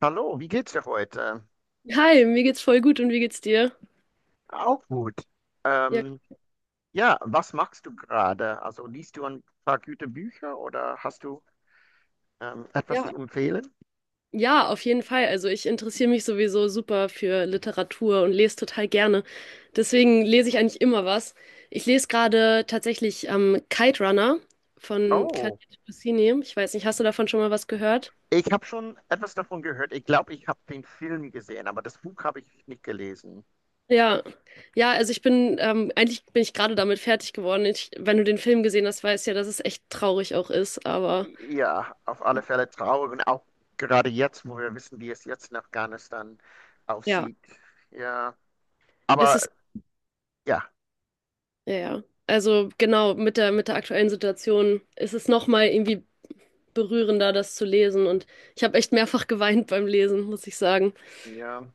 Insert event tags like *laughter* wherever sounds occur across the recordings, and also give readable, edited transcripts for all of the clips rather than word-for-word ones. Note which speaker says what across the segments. Speaker 1: Hallo, wie geht's dir heute?
Speaker 2: Hi, mir geht's voll gut und wie geht's dir?
Speaker 1: Auch gut.
Speaker 2: Ja,
Speaker 1: Ähm, ja, was machst du gerade? Also liest du ein paar gute Bücher oder hast du etwas
Speaker 2: ja.
Speaker 1: zu empfehlen?
Speaker 2: Ja, auf jeden Fall. Also ich interessiere mich sowieso super für Literatur und lese total gerne. Deswegen lese ich eigentlich immer was. Ich lese gerade tatsächlich Kite Runner von Claudia
Speaker 1: Oh,
Speaker 2: Pazzini. Ich weiß nicht, hast du davon schon mal was gehört?
Speaker 1: ich habe schon etwas davon gehört. Ich glaube, ich habe den Film gesehen, aber das Buch habe ich nicht gelesen.
Speaker 2: Ja, ja, also eigentlich bin ich gerade damit fertig geworden. Wenn du den Film gesehen hast, weißt du ja, dass es echt traurig auch ist, aber
Speaker 1: Ja, auf alle Fälle traurig und auch gerade jetzt, wo wir wissen, wie es jetzt in Afghanistan
Speaker 2: ja,
Speaker 1: aussieht. Ja,
Speaker 2: es
Speaker 1: aber
Speaker 2: ist.
Speaker 1: ja,
Speaker 2: Ja, ja. Also genau, mit der aktuellen Situation ist es nochmal irgendwie berührender, das zu lesen. Und ich habe echt mehrfach *laughs* geweint beim Lesen, muss ich sagen.
Speaker 1: ja,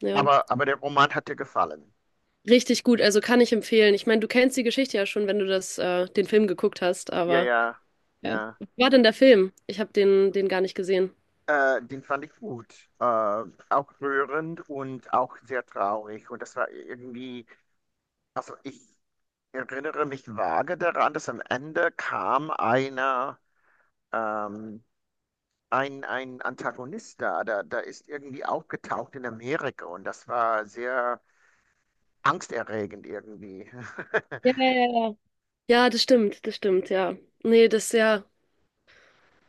Speaker 2: Ja,
Speaker 1: aber der Roman hat dir gefallen.
Speaker 2: richtig gut. Also kann ich empfehlen. Ich meine, du kennst die Geschichte ja schon, wenn du den Film geguckt hast,
Speaker 1: Ja,
Speaker 2: aber
Speaker 1: ja,
Speaker 2: ja.
Speaker 1: ja.
Speaker 2: Wie war denn der Film? Ich habe den gar nicht gesehen.
Speaker 1: Den fand ich gut. Äh, Auch rührend und auch sehr traurig. Und das war irgendwie, also ich erinnere mich vage daran, dass am Ende kam einer, ähm, ein, Antagonist da ist irgendwie aufgetaucht in Amerika und das war sehr angsterregend irgendwie. *laughs*
Speaker 2: Ja, ja, ja, ja. Ja, das stimmt, ja. Nee, das ist ja,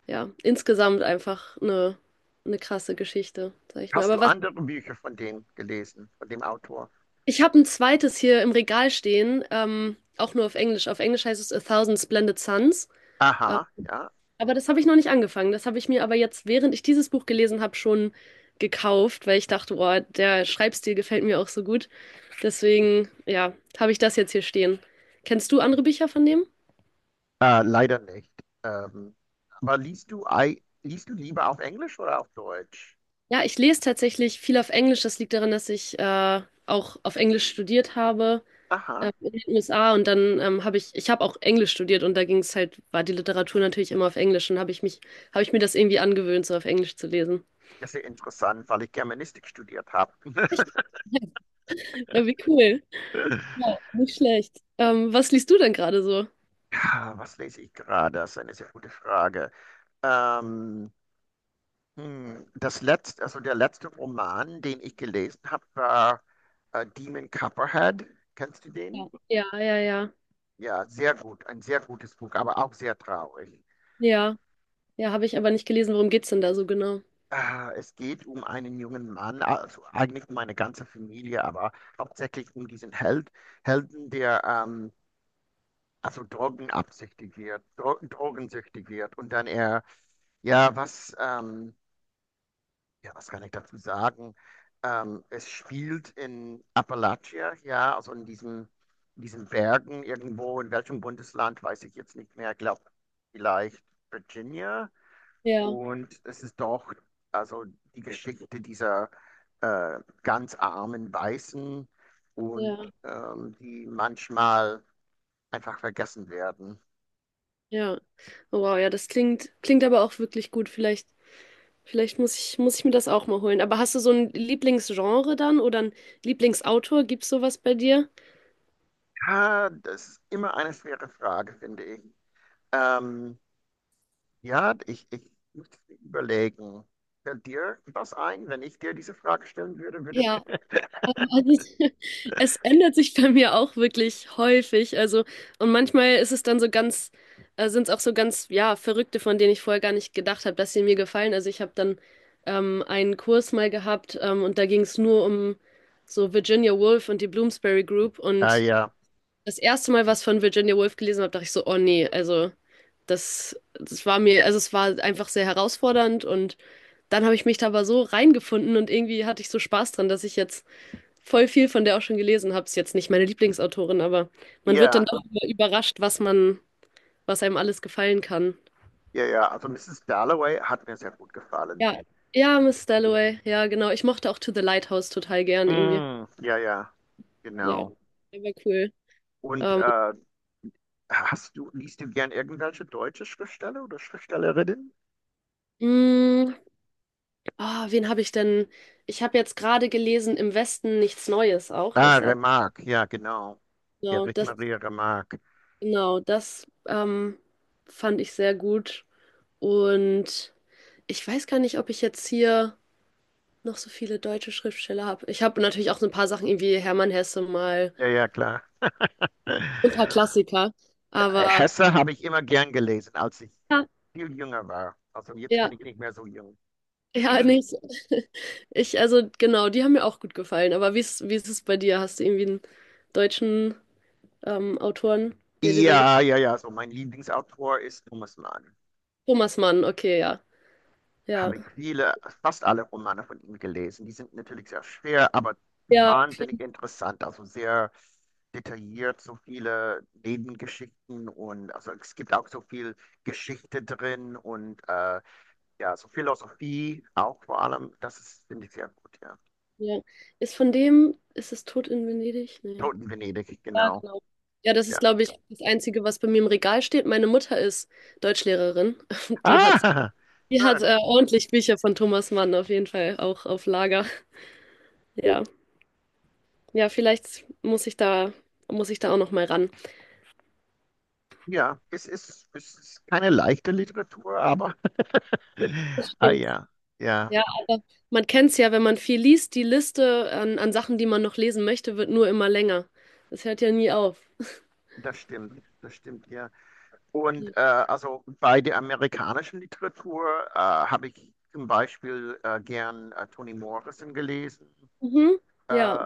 Speaker 2: ja, insgesamt einfach eine krasse Geschichte, sag ich mal.
Speaker 1: Hast
Speaker 2: Aber
Speaker 1: du
Speaker 2: was.
Speaker 1: andere Bücher von dem gelesen, von dem Autor?
Speaker 2: Ich habe ein zweites hier im Regal stehen, auch nur auf Englisch. Auf Englisch heißt es A Thousand Splendid Suns. Äh,
Speaker 1: Aha, ja.
Speaker 2: aber das habe ich noch nicht angefangen. Das habe ich mir aber jetzt, während ich dieses Buch gelesen habe, schon gekauft, weil ich dachte, boah, der Schreibstil gefällt mir auch so gut. Deswegen, ja, habe ich das jetzt hier stehen. Kennst du andere Bücher von dem?
Speaker 1: Leider nicht. Ähm, aber liest du, liest du lieber auf Englisch oder auf Deutsch?
Speaker 2: Ja, ich lese tatsächlich viel auf Englisch. Das liegt daran, dass ich auch auf Englisch studiert habe. ähm,
Speaker 1: Aha,
Speaker 2: in den USA und dann ich habe auch Englisch studiert und da ging es halt, war die Literatur natürlich immer auf Englisch und habe ich mir das irgendwie angewöhnt, so auf Englisch zu lesen.
Speaker 1: das ist ja interessant, weil ich Germanistik studiert habe.
Speaker 2: Echt? Ja, wie cool. Ja,
Speaker 1: *laughs*
Speaker 2: nicht schlecht. Was liest du denn gerade so?
Speaker 1: Ja, was lese ich gerade? Das ist eine sehr gute Frage. Ähm, Das letzte, also der letzte Roman, den ich gelesen habe, war Demon Copperhead. Kennst du den?
Speaker 2: Ja, ja, ja, ja.
Speaker 1: Ja, sehr gut, ein sehr gutes Buch, aber auch sehr traurig.
Speaker 2: Ja, ja, habe ich aber nicht gelesen. Worum geht's denn da so genau?
Speaker 1: Es geht um einen jungen Mann, also eigentlich um eine ganze Familie, aber hauptsächlich um diesen Held, Helden, der also drogenabsichtig wird, drogensüchtig wird. Und dann er, ja, ja, was kann ich dazu sagen? Es spielt in Appalachia, ja, also in diesen Bergen irgendwo, in welchem Bundesland, weiß ich jetzt nicht mehr, glaube vielleicht Virginia,
Speaker 2: Ja,
Speaker 1: und es ist doch, also die Geschichte dieser ganz armen Weißen und
Speaker 2: ja,
Speaker 1: die manchmal einfach vergessen werden.
Speaker 2: ja. Oh, wow, ja, das klingt aber auch wirklich gut. Vielleicht muss ich mir das auch mal holen. Aber hast du so ein Lieblingsgenre dann oder ein Lieblingsautor? Gibt's sowas bei dir?
Speaker 1: Ja, das ist immer eine schwere Frage, finde ich. Ähm, ja, ich muss überlegen. Fällt dir was ein, wenn ich dir diese Frage stellen würde?
Speaker 2: ja
Speaker 1: *laughs*
Speaker 2: Ähm, Also *laughs* es ändert sich bei mir auch wirklich häufig. Also, und manchmal ist es dann sind es auch so ganz, ja, Verrückte, von denen ich vorher gar nicht gedacht habe, dass sie mir gefallen. Also ich habe dann einen Kurs mal gehabt und da ging es nur um so Virginia Woolf und die Bloomsbury Group.
Speaker 1: Ah,
Speaker 2: Und
Speaker 1: ja.
Speaker 2: das erste Mal, was von Virginia Woolf gelesen habe, dachte ich so, oh nee, also es war einfach sehr herausfordernd und dann habe ich mich da aber so reingefunden und irgendwie hatte ich so Spaß dran, dass ich jetzt voll viel von der auch schon gelesen habe. Ist jetzt nicht meine Lieblingsautorin, aber man wird dann
Speaker 1: Ja,
Speaker 2: doch überrascht, was einem alles gefallen kann.
Speaker 1: ja, ja. Also Mrs. Dalloway hat mir sehr gut gefallen.
Speaker 2: Ja, ja, Miss Dalloway. Ja, genau. Ich mochte auch To the Lighthouse total gern irgendwie.
Speaker 1: Mm, ja, ja,
Speaker 2: Ja,
Speaker 1: genau.
Speaker 2: der war cool.
Speaker 1: Und
Speaker 2: Ähm,
Speaker 1: hast du, liest du gern irgendwelche deutsche Schriftsteller oder Schriftstellerinnen?
Speaker 2: mh, wen habe ich denn? Ich habe jetzt gerade gelesen, Im Westen nichts Neues auch.
Speaker 1: Ah,
Speaker 2: Das,
Speaker 1: Remarque, ja, genau.
Speaker 2: genau,
Speaker 1: Erich
Speaker 2: das,
Speaker 1: Maria Remarque.
Speaker 2: genau, das fand ich sehr gut. Und ich weiß gar nicht, ob ich jetzt hier noch so viele deutsche Schriftsteller habe. Ich habe natürlich auch so ein paar Sachen, irgendwie Hermann Hesse mal,
Speaker 1: Ja, ja, klar.
Speaker 2: so ein paar
Speaker 1: *laughs*
Speaker 2: Klassiker. Aber
Speaker 1: Hesse habe ich immer gern gelesen, als ich
Speaker 2: ja,
Speaker 1: viel jünger war. Also jetzt bin
Speaker 2: ja,
Speaker 1: ich nicht mehr so jung.
Speaker 2: ja,
Speaker 1: *clears throat*
Speaker 2: nee, ich, *laughs* ich, also genau, die haben mir auch gut gefallen. Aber wie ist es bei dir? Hast du irgendwie einen deutschen Autoren, der dir sehr.
Speaker 1: Ja, ja, ja, so mein Lieblingsautor ist Thomas Mann.
Speaker 2: Thomas Mann, okay, ja. Ja,
Speaker 1: Habe ich viele, fast alle Romane von ihm gelesen. Die sind natürlich sehr schwer, aber
Speaker 2: ja,
Speaker 1: wahnsinnig interessant, also sehr detailliert, so viele Nebengeschichten und also es gibt auch so viel Geschichte drin und ja, so Philosophie auch vor allem. Das ist, finde ich, sehr gut, ja.
Speaker 2: ja. Ist es Tod in Venedig? Nee.
Speaker 1: Toten Venedig,
Speaker 2: Ja,
Speaker 1: genau.
Speaker 2: genau. Ja, das ist,
Speaker 1: Ja.
Speaker 2: glaube ich, das Einzige, was bei mir im Regal steht. Meine Mutter ist Deutschlehrerin. *laughs* Die hat
Speaker 1: Ah, *laughs* schön.
Speaker 2: Ordentlich Bücher von Thomas Mann auf jeden Fall auch auf Lager. Ja, ja, vielleicht muss ich da auch noch mal ran.
Speaker 1: Ja, es ist keine leichte Literatur, aber *laughs* ah
Speaker 2: Stimmt.
Speaker 1: ja, ja,
Speaker 2: Ja, aber man kennt's ja, wenn man viel liest, die Liste an Sachen, die man noch lesen möchte, wird nur immer länger. Das hört ja nie auf.
Speaker 1: das stimmt, ja. Und also bei der amerikanischen Literatur habe ich zum Beispiel gern Toni Morrison gelesen,
Speaker 2: Mhm. Ja,
Speaker 1: äh,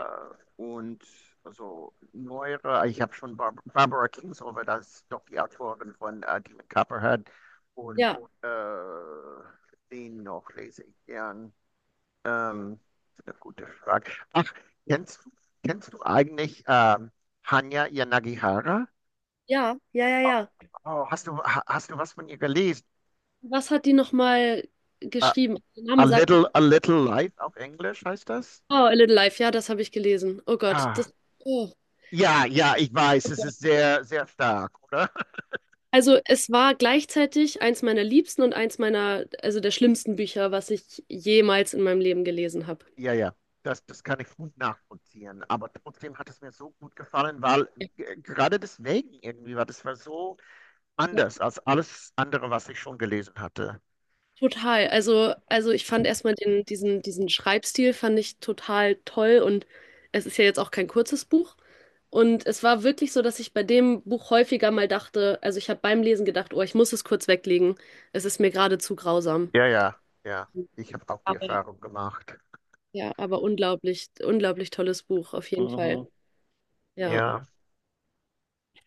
Speaker 1: und also neuere, ich habe schon Barbara Kingsolver, das ist doch die Autorin von Demon Copperhead, und
Speaker 2: ja,
Speaker 1: äh, den noch lese ich gern. Ähm, eine gute Frage. Ach, kennst du, kennst du eigentlich Hanya Yanagihara?
Speaker 2: ja, ja, ja, ja.
Speaker 1: Oh, hast du, hast du was von ihr gelesen?
Speaker 2: Was hat die noch mal
Speaker 1: Äh,
Speaker 2: geschrieben? Der Name sagt,
Speaker 1: A Little Light auf Englisch heißt das?
Speaker 2: oh, A Little Life. Ja, das habe ich gelesen. Oh Gott,
Speaker 1: Ah,
Speaker 2: das. Oh.
Speaker 1: ja, ja, ich weiß, es ist sehr, sehr stark, oder? *laughs*
Speaker 2: Also es war gleichzeitig eins meiner liebsten und eins meiner, also der schlimmsten Bücher, was ich jemals in meinem Leben gelesen habe.
Speaker 1: Ja, ja, das, das kann ich gut nachvollziehen. Aber trotzdem hat es mir so gut gefallen, weil gerade deswegen irgendwie war das, war so
Speaker 2: Ja.
Speaker 1: anders als alles andere, was ich schon gelesen hatte.
Speaker 2: Total. Also, ich fand erstmal diesen Schreibstil fand ich total toll und es ist ja jetzt auch kein kurzes Buch. Und es war wirklich so, dass ich bei dem Buch häufiger mal dachte, also ich habe beim Lesen gedacht, oh, ich muss es kurz weglegen. Es ist mir gerade zu grausam.
Speaker 1: Ja, ja, ja, ich habe auch die
Speaker 2: Aber
Speaker 1: Erfahrung gemacht.
Speaker 2: ja, aber unglaublich, unglaublich tolles Buch, auf jeden
Speaker 1: Mhm.
Speaker 2: Fall. Ja.
Speaker 1: Ja.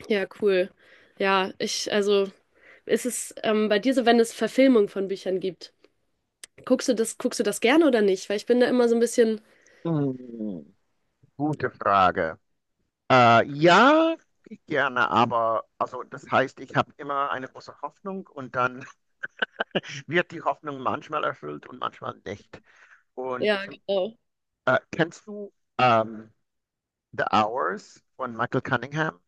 Speaker 2: Ja, cool. Ja, also, ist es bei dir so, wenn es Verfilmung von Büchern gibt? Guckst du das gerne oder nicht? Weil ich bin da immer so ein bisschen,
Speaker 1: Mhm. Gute Frage. Ja, gerne, aber also das heißt, ich habe immer eine große Hoffnung und dann *laughs* wird die Hoffnung manchmal erfüllt und manchmal nicht. Und
Speaker 2: ja, genau.
Speaker 1: kennst du The Hours von Michael Cunningham?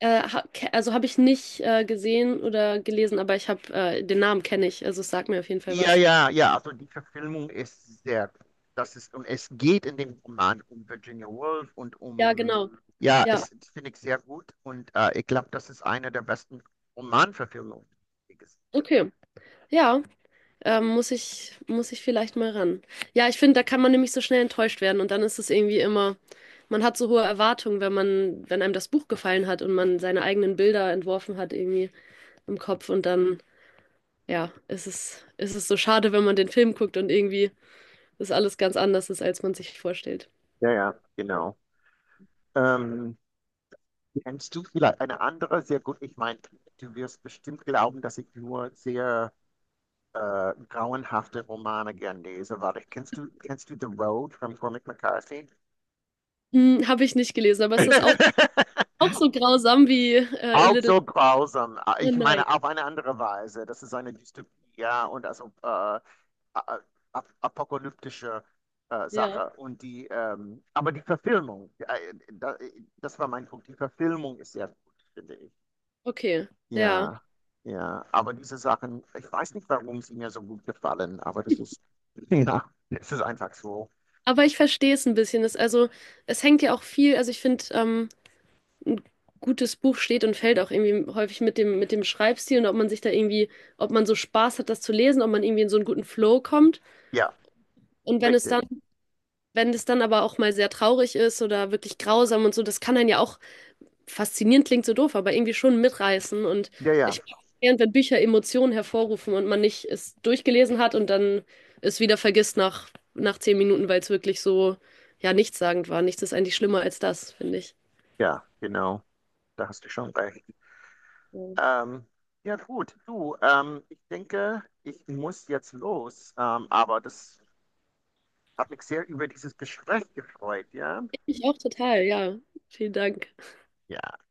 Speaker 2: Also habe ich nicht gesehen oder gelesen, aber ich habe den Namen kenne ich, also es sagt mir auf jeden Fall
Speaker 1: Ja,
Speaker 2: was.
Speaker 1: ja, ja, also die Verfilmung ist sehr gut. Das ist, und es geht in dem Roman um Virginia Woolf und
Speaker 2: Ja,
Speaker 1: um,
Speaker 2: genau.
Speaker 1: ja,
Speaker 2: Ja,
Speaker 1: es, das finde ich sehr gut, und ich glaube, das ist eine der besten Romanverfilmungen, die ich gesehen
Speaker 2: okay. Ja, muss ich vielleicht mal ran. Ja, ich finde, da kann man nämlich so schnell enttäuscht werden und dann ist es irgendwie immer, man hat so hohe Erwartungen, wenn einem das Buch gefallen hat und man seine eigenen Bilder entworfen hat irgendwie im Kopf und dann, ja, ist es so schade, wenn man den Film guckt und irgendwie das alles ganz anders ist, als man sich
Speaker 1: habe.
Speaker 2: vorstellt.
Speaker 1: Ja, ja, genau. Ähm, Kennst du vielleicht eine andere? Sehr gut. Ich meine, du wirst bestimmt glauben, dass ich nur sehr grauenhafte Romane gern lese. Warte, kennst du The Road von Cormac McCarthy?
Speaker 2: Hm, habe ich nicht gelesen, aber ist das auch,
Speaker 1: *laughs*
Speaker 2: auch so grausam wie A
Speaker 1: Auch
Speaker 2: Little
Speaker 1: so grausam. Ah, ich
Speaker 2: Nein.
Speaker 1: meine, auf eine andere Weise. Das ist eine Dystopie, ja, und also apokalyptische
Speaker 2: Ja.
Speaker 1: Sache. Und die, aber die Verfilmung, das war mein Punkt. Die Verfilmung ist sehr gut, finde ich.
Speaker 2: Okay, ja.
Speaker 1: Ja, ja, aber diese Sachen, ich weiß nicht, warum sie mir so gut gefallen, aber das ist, *laughs* ja, es ist einfach so.
Speaker 2: Aber ich verstehe es ein bisschen. Also, es hängt ja auch viel, also ich finde, ein gutes Buch steht und fällt auch irgendwie häufig mit dem Schreibstil und ob man sich da irgendwie, ob man so Spaß hat, das zu lesen, ob man irgendwie in so einen guten Flow kommt.
Speaker 1: Ja,
Speaker 2: Und wenn es
Speaker 1: richtig.
Speaker 2: dann Wenn das dann aber auch mal sehr traurig ist oder wirklich grausam und so, das kann einen ja auch, faszinierend klingt so doof, aber irgendwie schon mitreißen. Und
Speaker 1: Ja, ja,
Speaker 2: ich während wenn Bücher Emotionen hervorrufen und man nicht es durchgelesen hat und dann es wieder vergisst nach 10 Minuten, weil es wirklich so, ja, nichtssagend war. Nichts ist eigentlich schlimmer als das, finde ich.
Speaker 1: ja, genau. Da hast du schon recht.
Speaker 2: Ja.
Speaker 1: Ähm, ja, gut, du, ich denke, ich muss jetzt los, aber das hat mich sehr über dieses Gespräch gefreut, ja?
Speaker 2: Ich mich auch total, ja. Vielen Dank.
Speaker 1: Ja.